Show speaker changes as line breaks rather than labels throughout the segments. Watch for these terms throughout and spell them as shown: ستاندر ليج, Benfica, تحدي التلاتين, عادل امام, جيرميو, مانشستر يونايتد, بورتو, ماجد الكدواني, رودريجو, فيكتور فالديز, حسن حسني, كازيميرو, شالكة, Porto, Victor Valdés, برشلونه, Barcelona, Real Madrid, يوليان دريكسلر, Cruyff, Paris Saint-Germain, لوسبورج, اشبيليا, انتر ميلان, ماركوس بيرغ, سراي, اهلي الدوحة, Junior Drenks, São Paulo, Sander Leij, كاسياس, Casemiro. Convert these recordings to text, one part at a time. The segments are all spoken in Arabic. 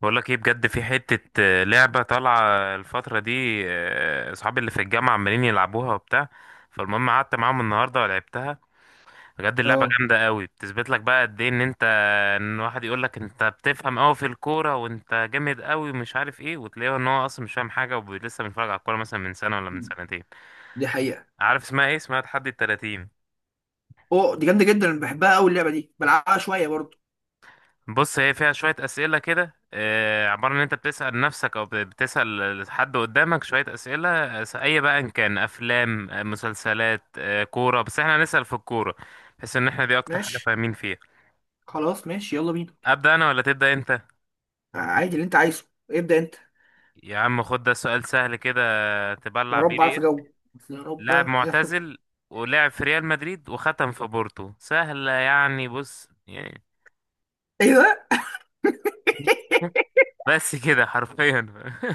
بقول لك ايه، بجد في حتة لعبة طالعة الفترة دي. اصحابي اللي في الجامعة عمالين يلعبوها وبتاع. فالمهم قعدت معاهم النهاردة ولعبتها. بجد اللعبة
اه،
جامدة قوي، بتثبت لك بقى قد ايه ان واحد يقول لك انت بتفهم قوي في الكورة وانت جامد قوي ومش عارف ايه، وتلاقيه ان هو اصلا مش فاهم حاجة ولسه بيتفرج على الكورة مثلا من سنة ولا من سنتين.
دي حقيقة.
عارف اسمها ايه؟ اسمها تحدي التلاتين.
اوه، دي جامدة جدا، أنا بحبها أوي اللعبة دي، بلعبها شوية برضو.
بص هي فيها شوية أسئلة كده، عبارة إن أنت بتسأل نفسك أو بتسأل حد قدامك شوية أسئلة. أي بقى إن كان أفلام، مسلسلات، كورة، بس إحنا هنسأل في الكورة، بحيث إن إحنا دي أكتر حاجة
ماشي.
فاهمين فيها.
خلاص ماشي، يلا بينا.
أبدأ أنا ولا تبدأ أنت؟
عادي، اللي انت عايزه. ابدأ انت.
يا عم خد ده سؤال سهل كده،
يا
تبلع بيه
رب اعرف
ريقك.
اجاوب. يا رب
لاعب
يا رب.
معتزل، ولعب في ريال مدريد وختم في بورتو. سهلة يعني، بص يعني.
ايه ده؟
بس كده حرفيا.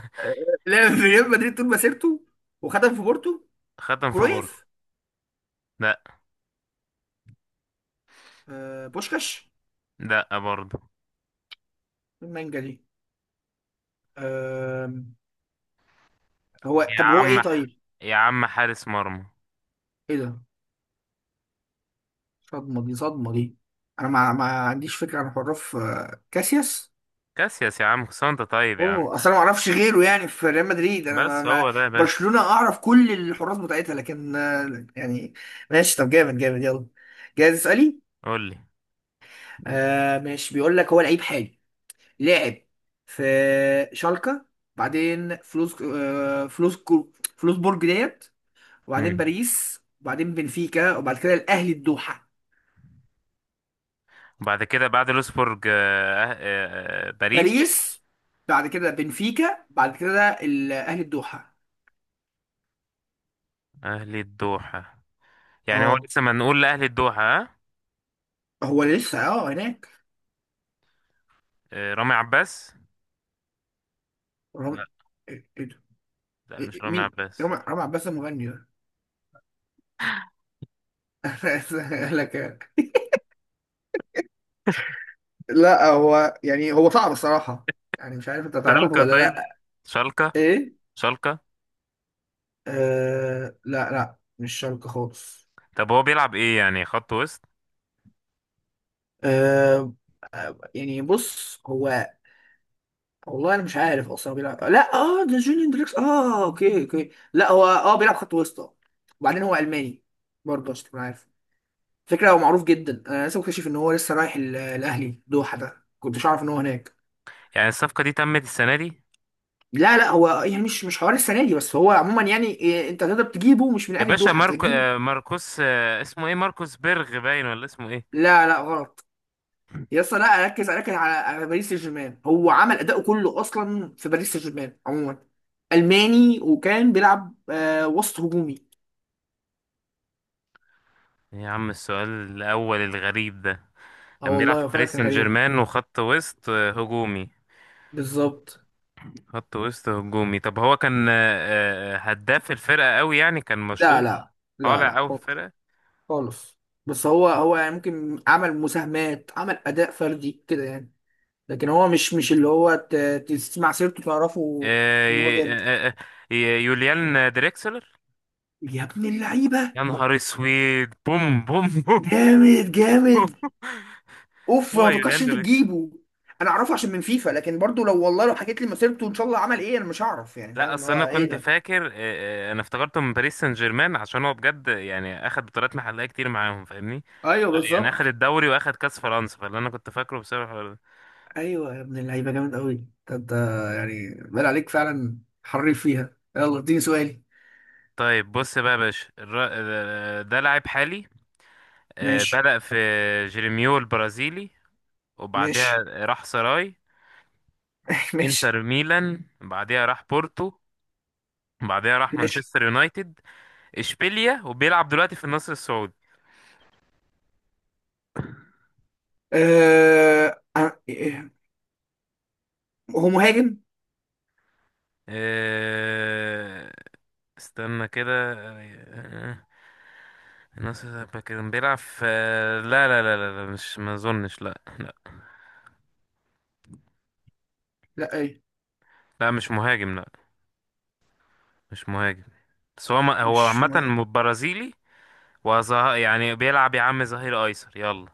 لعب في ريال مدريد طول مسيرته وخدم في بورتو.
ختم في بورتو.
كرويف.
لا.
آه، بوشكاش.
لا برضه.
المانجا دي. آه. هو
يا
طب هو
عم
ايه
ح-
طيب؟
يا عم حارس مرمى.
ايه ده؟ صدمة دي، صدمة دي. انا ما عنديش فكرة عن حراف كاسياس.
كاسياس يا عم، كنت انت طيب يا عم.
اوه، اصل انا ما اعرفش غيره يعني في ريال مدريد. انا ما
بس
ما
هو ده يا باشا.
برشلونة اعرف كل الحراس بتاعتها، لكن يعني. ماشي. طب جامد جامد، يلا. جاهز، اسالي.
قول لي.
آه، ماشي. بيقول لك هو لعيب حالي، لاعب في شالكة، بعدين فلوسبورج ديت، وبعدين
مم.
باريس، وبعدين بنفيكا، وبعد كده الاهلي الدوحة.
وبعد كده بعد لوسبورج، باريس.
باريس، بعد كده بنفيكا، بعد كده الاهلي الدوحة.
اهلي الدوحة. يعني هو
اه،
لسه، ما نقول لاهلي الدوحة، ها.
هو لسه هناك.
رامي عباس. لا، لا مش رامي
مين؟
عباس.
رامي عباس المغني ده انا آسف أقول لك يعني. لا، هو يعني هو صعب الصراحه. يعني مش عارف انت تعرفه
شالكة
ولا
طيب.
لا.
شالكة.
ايه.
شالكة.
آه، لا لا، مش شرق خالص.
طب هو بيلعب ايه؟ يعني خط وسط.
آه يعني بص هو. والله انا مش عارف اصلا هو بيلعب. لا، اه ده جونيور دريكس. اه، اوكي اوكي. لا هو بيلعب خط وسط. وبعدين هو الماني برضه عشان تكون عارف. فكره هو معروف جدا. انا لسه مكتشف ان هو لسه رايح الاهلي دوحه ده، كنتش عارف ان هو هناك.
يعني الصفقة دي تمت السنة دي؟
لا لا، هو يعني مش حوار السنه دي، بس هو عموما يعني إيه، انت تقدر تجيبه مش من
يا
اهل
باشا
الدوحه، انت
ماركو،
تجيبه.
ماركوس، اسمه ايه؟ ماركوس بيرغ باين، ولا اسمه ايه؟
لا لا غلط. يا اسطى، لا، ركز ركز على باريس سان جيرمان. هو عمل اداؤه كله اصلا في باريس سان جيرمان عموما. الماني، وكان بيلعب وسط هجومي.
إيه يا عم السؤال الأول الغريب ده؟
اه،
كان بيلعب في
والله فعلا
باريس
كان
سان
غريب.
جيرمان، وخط وسط هجومي.
بالظبط.
خط وسط هجومي. طب هو كان، هداف الفرقة قوي يعني؟ كان
لا
مشهور،
لا لا
طالع
لا
قوي في
خالص.
الفرقة؟
خالص. بس هو يعني ممكن عمل مساهمات، عمل اداء فردي كده يعني. لكن هو مش اللي هو تسمع سيرته تعرفه
آه،
ان هو
ي-
جامد.
آه، آه، يوليان دريكسلر.
يا ابن اللعيبه،
يا نهار اسود، بوم بوم بوم.
جامد جامد.
بوم.
اوف،
هو
ما توقعش
يوليان
انت
دريكسلر.
تجيبه. انا اعرفه عشان من فيفا، لكن برضو لو والله لو حكيت لي مسيرته ان شاء الله عمل ايه، انا مش هعرف يعني. فاهم
لا
اللي
اصل انا
هو ايه
كنت
ده.
فاكر، انا افتكرته من باريس سان جيرمان، عشان هو بجد يعني اخد بطولات محلية كتير معاهم، فاهمني؟
ايوه،
يعني اخد
بالظبط.
الدوري واخد كاس فرنسا، فاللي انا كنت فاكره بسبب.
ايوه يا ابن اللعيبه، جامد قوي. ده انت يعني بال عليك فعلا حريف فيها. يلا، اديني سؤالي.
طيب بص بقى يا باشا، ده لاعب حالي،
ماشي.
بدأ في جيرميو البرازيلي، وبعدها
ماشي.
راح سراي،
ماشي.
انتر ميلان، بعدها راح بورتو، بعدها راح
ماشي.
مانشستر يونايتد، اشبيليا، وبيلعب دلوقتي في النصر السعودي.
إيه، هو مهاجم؟
آه، استنى كده. آه، النصر السعودي كان بيلعب في، لا لا لا لا لا، مش، ما اظنش، لا.
لا ايه،
لا مش مهاجم، لا. مش مهاجم. بس هو هو
مش مهاجم.
عامة برازيلي. يعني بيلعب يا عم ظهير ايسر، يلا.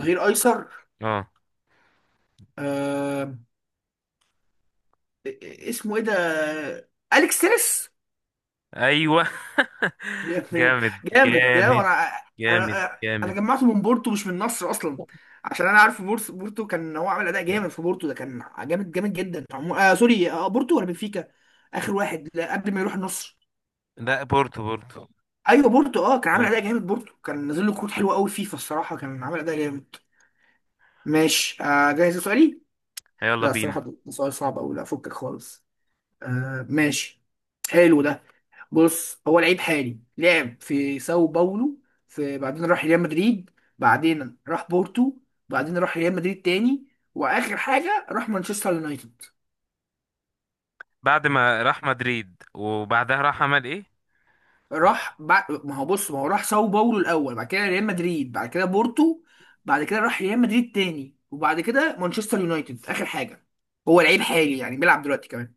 ظهير ايسر.
اه.
أه... اسمه ايه ده؟ اليكس تيريس.
ايوه.
جامد.
جامد.
جامد ده،
جامد
وانا
جامد.
انا انا
جامد.
جمعته من بورتو مش من النصر اصلا. عشان انا عارف بورتو. بورتو كان هو عامل اداء جامد في بورتو، ده كان جامد جامد جدا. سوري، بورتو ولا بنفيكا؟ اخر واحد، لا، قبل ما يروح النصر.
لا بورتو، بورتو.
ايوه، بورتو. اه كان عامل
أيوة.
اداء جامد. بورتو كان نازل له كروت حلوه قوي فيفا الصراحه. كان عامل اداء جامد. ماشي. جاهز لسؤالي.
يلا
لا،
بينا.
الصراحه ده سؤال صعب قوي. لا، فكك خالص. آه، ماشي. حلو ده. بص، هو لعيب حالي، لعب في ساو باولو. بعدين راح ريال مدريد. بعدين راح بورتو. بعدين راح ريال مدريد تاني. واخر حاجه راح مانشستر يونايتد.
بعد ما راح مدريد وبعدها راح عمل ايه؟
راح بعد ما هو بص، ما هو راح ساو باولو الاول، بعد كده ريال مدريد، بعد كده بورتو. بعد كده راح ريال مدريد تاني، وبعد كده مانشستر يونايتد اخر حاجه. هو لعيب حالي يعني بيلعب دلوقتي كمان.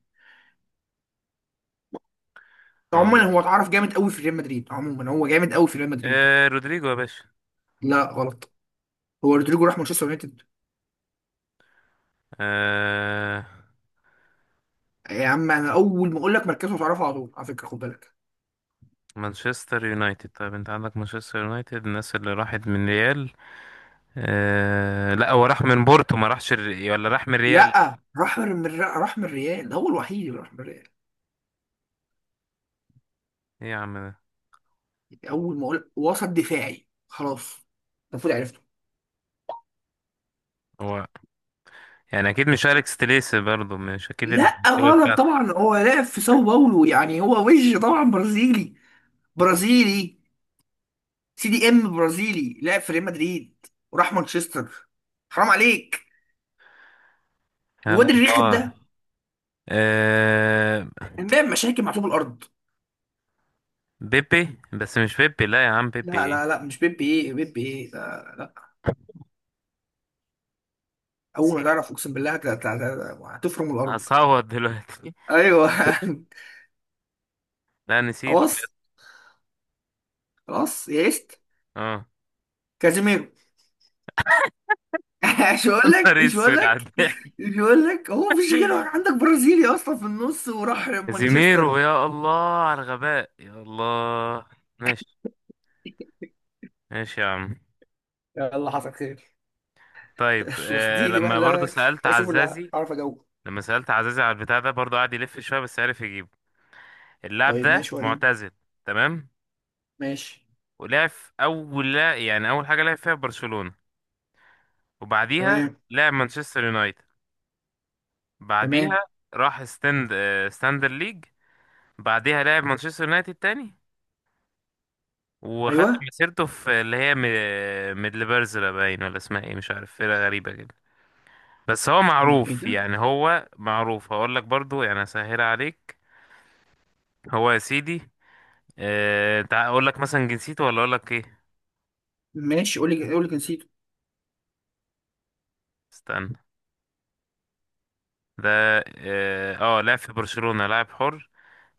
عموما
هقول.
هو اتعرف جامد قوي في ريال مدريد. عموما هو جامد قوي في ريال مدريد.
آه رودريجو يا باشا.
لا غلط. هو رودريجو راح مانشستر يونايتد.
آه.
يا عم انا اول ما اقول لك مركزه هتعرفه على طول، على فكره خد بالك.
مانشستر يونايتد، طيب. انت عندك مانشستر يونايتد، الناس اللي راحت من ريال. آه لا، هو راح من بورتو، ما راحش ولا راح من ريال؟
لا، راح راح من الريال. هو الوحيد اللي راح من الريال.
ايه يا عم ده؟
اول ما اقول وسط دفاعي خلاص المفروض عرفته.
هو، يعني اكيد مش اليكس تليسي برضو؟ مش اكيد،
لا
الكتيبه
غلط
بتاعتك.
طبعا. هو لاعب في ساو باولو، يعني هو وجه طبعا برازيلي. برازيلي. CDM برازيلي لاعب في ريال مدريد وراح مانشستر. حرام عليك.
آه،
الواد الرخم
الله.
ده
آه.
كان بيعمل مشاكل مع طوب الارض.
بيبي، بس مش بيبي، لا يا عم، بيبي
لا
ايه؟
لا لا، مش بيب ايه، بيب ايه لا، لا. اول ما
نسيت.
تعرف اقسم بالله هتفرم الارض.
هصوت دلوقتي.
ايوه.
لا نسيت بجد.
خلاص. خلاص يئست.
اه.
كازيميرو. مش هقول
يا
لك،
نهار
مش هقول
اسود على
لك.
الضحك.
مش هقول لك، هو مفيش غيره عندك برازيلي اصلا في النص وراح مانشستر.
كازيميرو، يا الله على الغباء، يا الله. ماشي. ماشي يا عم.
يلا، حصل خير.
طيب
يلا
آه،
اديني بقى.
لما برضه
لا،
سألت
اشوف اللي
عزازي،
اعرف اجاوب.
لما سألت عزازي على البتاع ده برضه، قعد يلف شوية بس عرف يجيبه. اللاعب
طيب
ده
ماشي، وريني.
معتزل. تمام.
ماشي.
ولعب في اول، لا يعني اول حاجه لعب فيها برشلونه، وبعديها
تمام.
لعب مانشستر يونايتد، بعديها
تمام.
راح ستاند ستاندر ليج، بعديها لعب مانشستر يونايتد تاني، وختم
ايوه.
مسيرته في اللي هي ميدلبرزلا باين، ولا اسمها ايه مش عارف، فرقه غريبه كده. بس هو
ايه
معروف،
ده.
يعني هو معروف. هقول لك برضو يعني، اسهل عليك. هو يا سيدي، اقول لك مثلا جنسيته ولا اقول لك ايه؟
ماشي، قول لي، قول لي نسيته.
استنى. ده اه، لعب في برشلونه لاعب حر،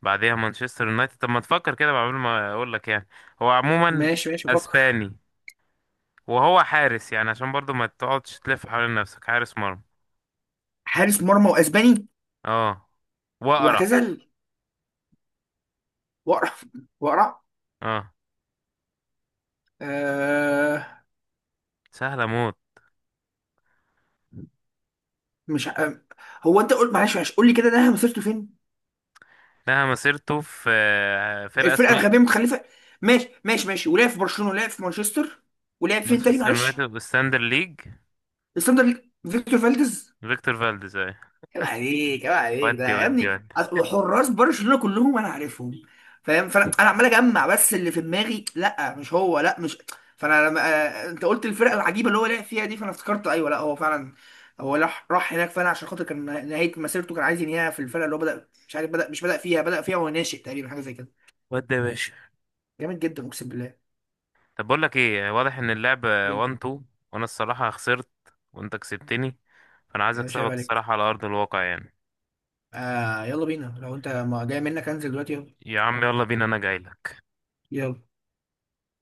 بعديها مانشستر يونايتد. طب ما تفكر كده قبل ما اقول لك يعني. هو عموما
ماشي ماشي، بفكر.
اسباني، وهو حارس، يعني عشان برضو ما تقعدش تلف حوالين نفسك. حارس مرمى.
حارس مرمى واسباني،
اه. واقرع.
واعتزل، واقرع، واقرع.
اه.
آه.
سهله موت.
مش ع- آه، هو انت قول، معلش معلش، قول لي كده ده مسيرته فين.
لها مسيرته في فرقه
الفرقه
اسمها،
الغبيه متخلفه. ماشي ماشي ماشي، ولعب في برشلونه ولعب في مانشستر. ولعب فين تاني
مانشستر يونايتد
معلش؟
والساندر ليج.
الساندر ليج. فيكتور فالديز.
فيكتور فالديز اهي.
عيب عليك، عيب عليك ده
ودي
يا
ودي
ابني.
ودي.
حراس برشلونه كلهم انا عارفهم، فاهم؟ فانا عمال اجمع بس اللي في دماغي، لا مش هو، لا مش. فانا لما انت قلت الفرقه العجيبه اللي هو لعب فيها دي، فانا افتكرت ايوه، لا، هو فعلا هو راح هناك فعلا، عشان خاطر كان نهايه مسيرته كان عايز ينهيها في الفرقه اللي هو بدا، مش عارف بدا مش بدا فيها، بدا فيها وهو ناشئ تقريبا حاجه زي كده.
ودي يا باشا.
جامد جدا اقسم بالله.
طب بقول لك ايه، واضح ان اللعبه
ايه
1 2، وانا الصراحه خسرت وانت كسبتني، فانا عايز
يا باشا، عيب
اكسبك
عليك.
الصراحه على ارض الواقع يعني.
آه، يلا بينا. لو انت ما جاي منك، انزل دلوقتي. يلا،
يا عم يلا بينا، انا جاي.
يلا.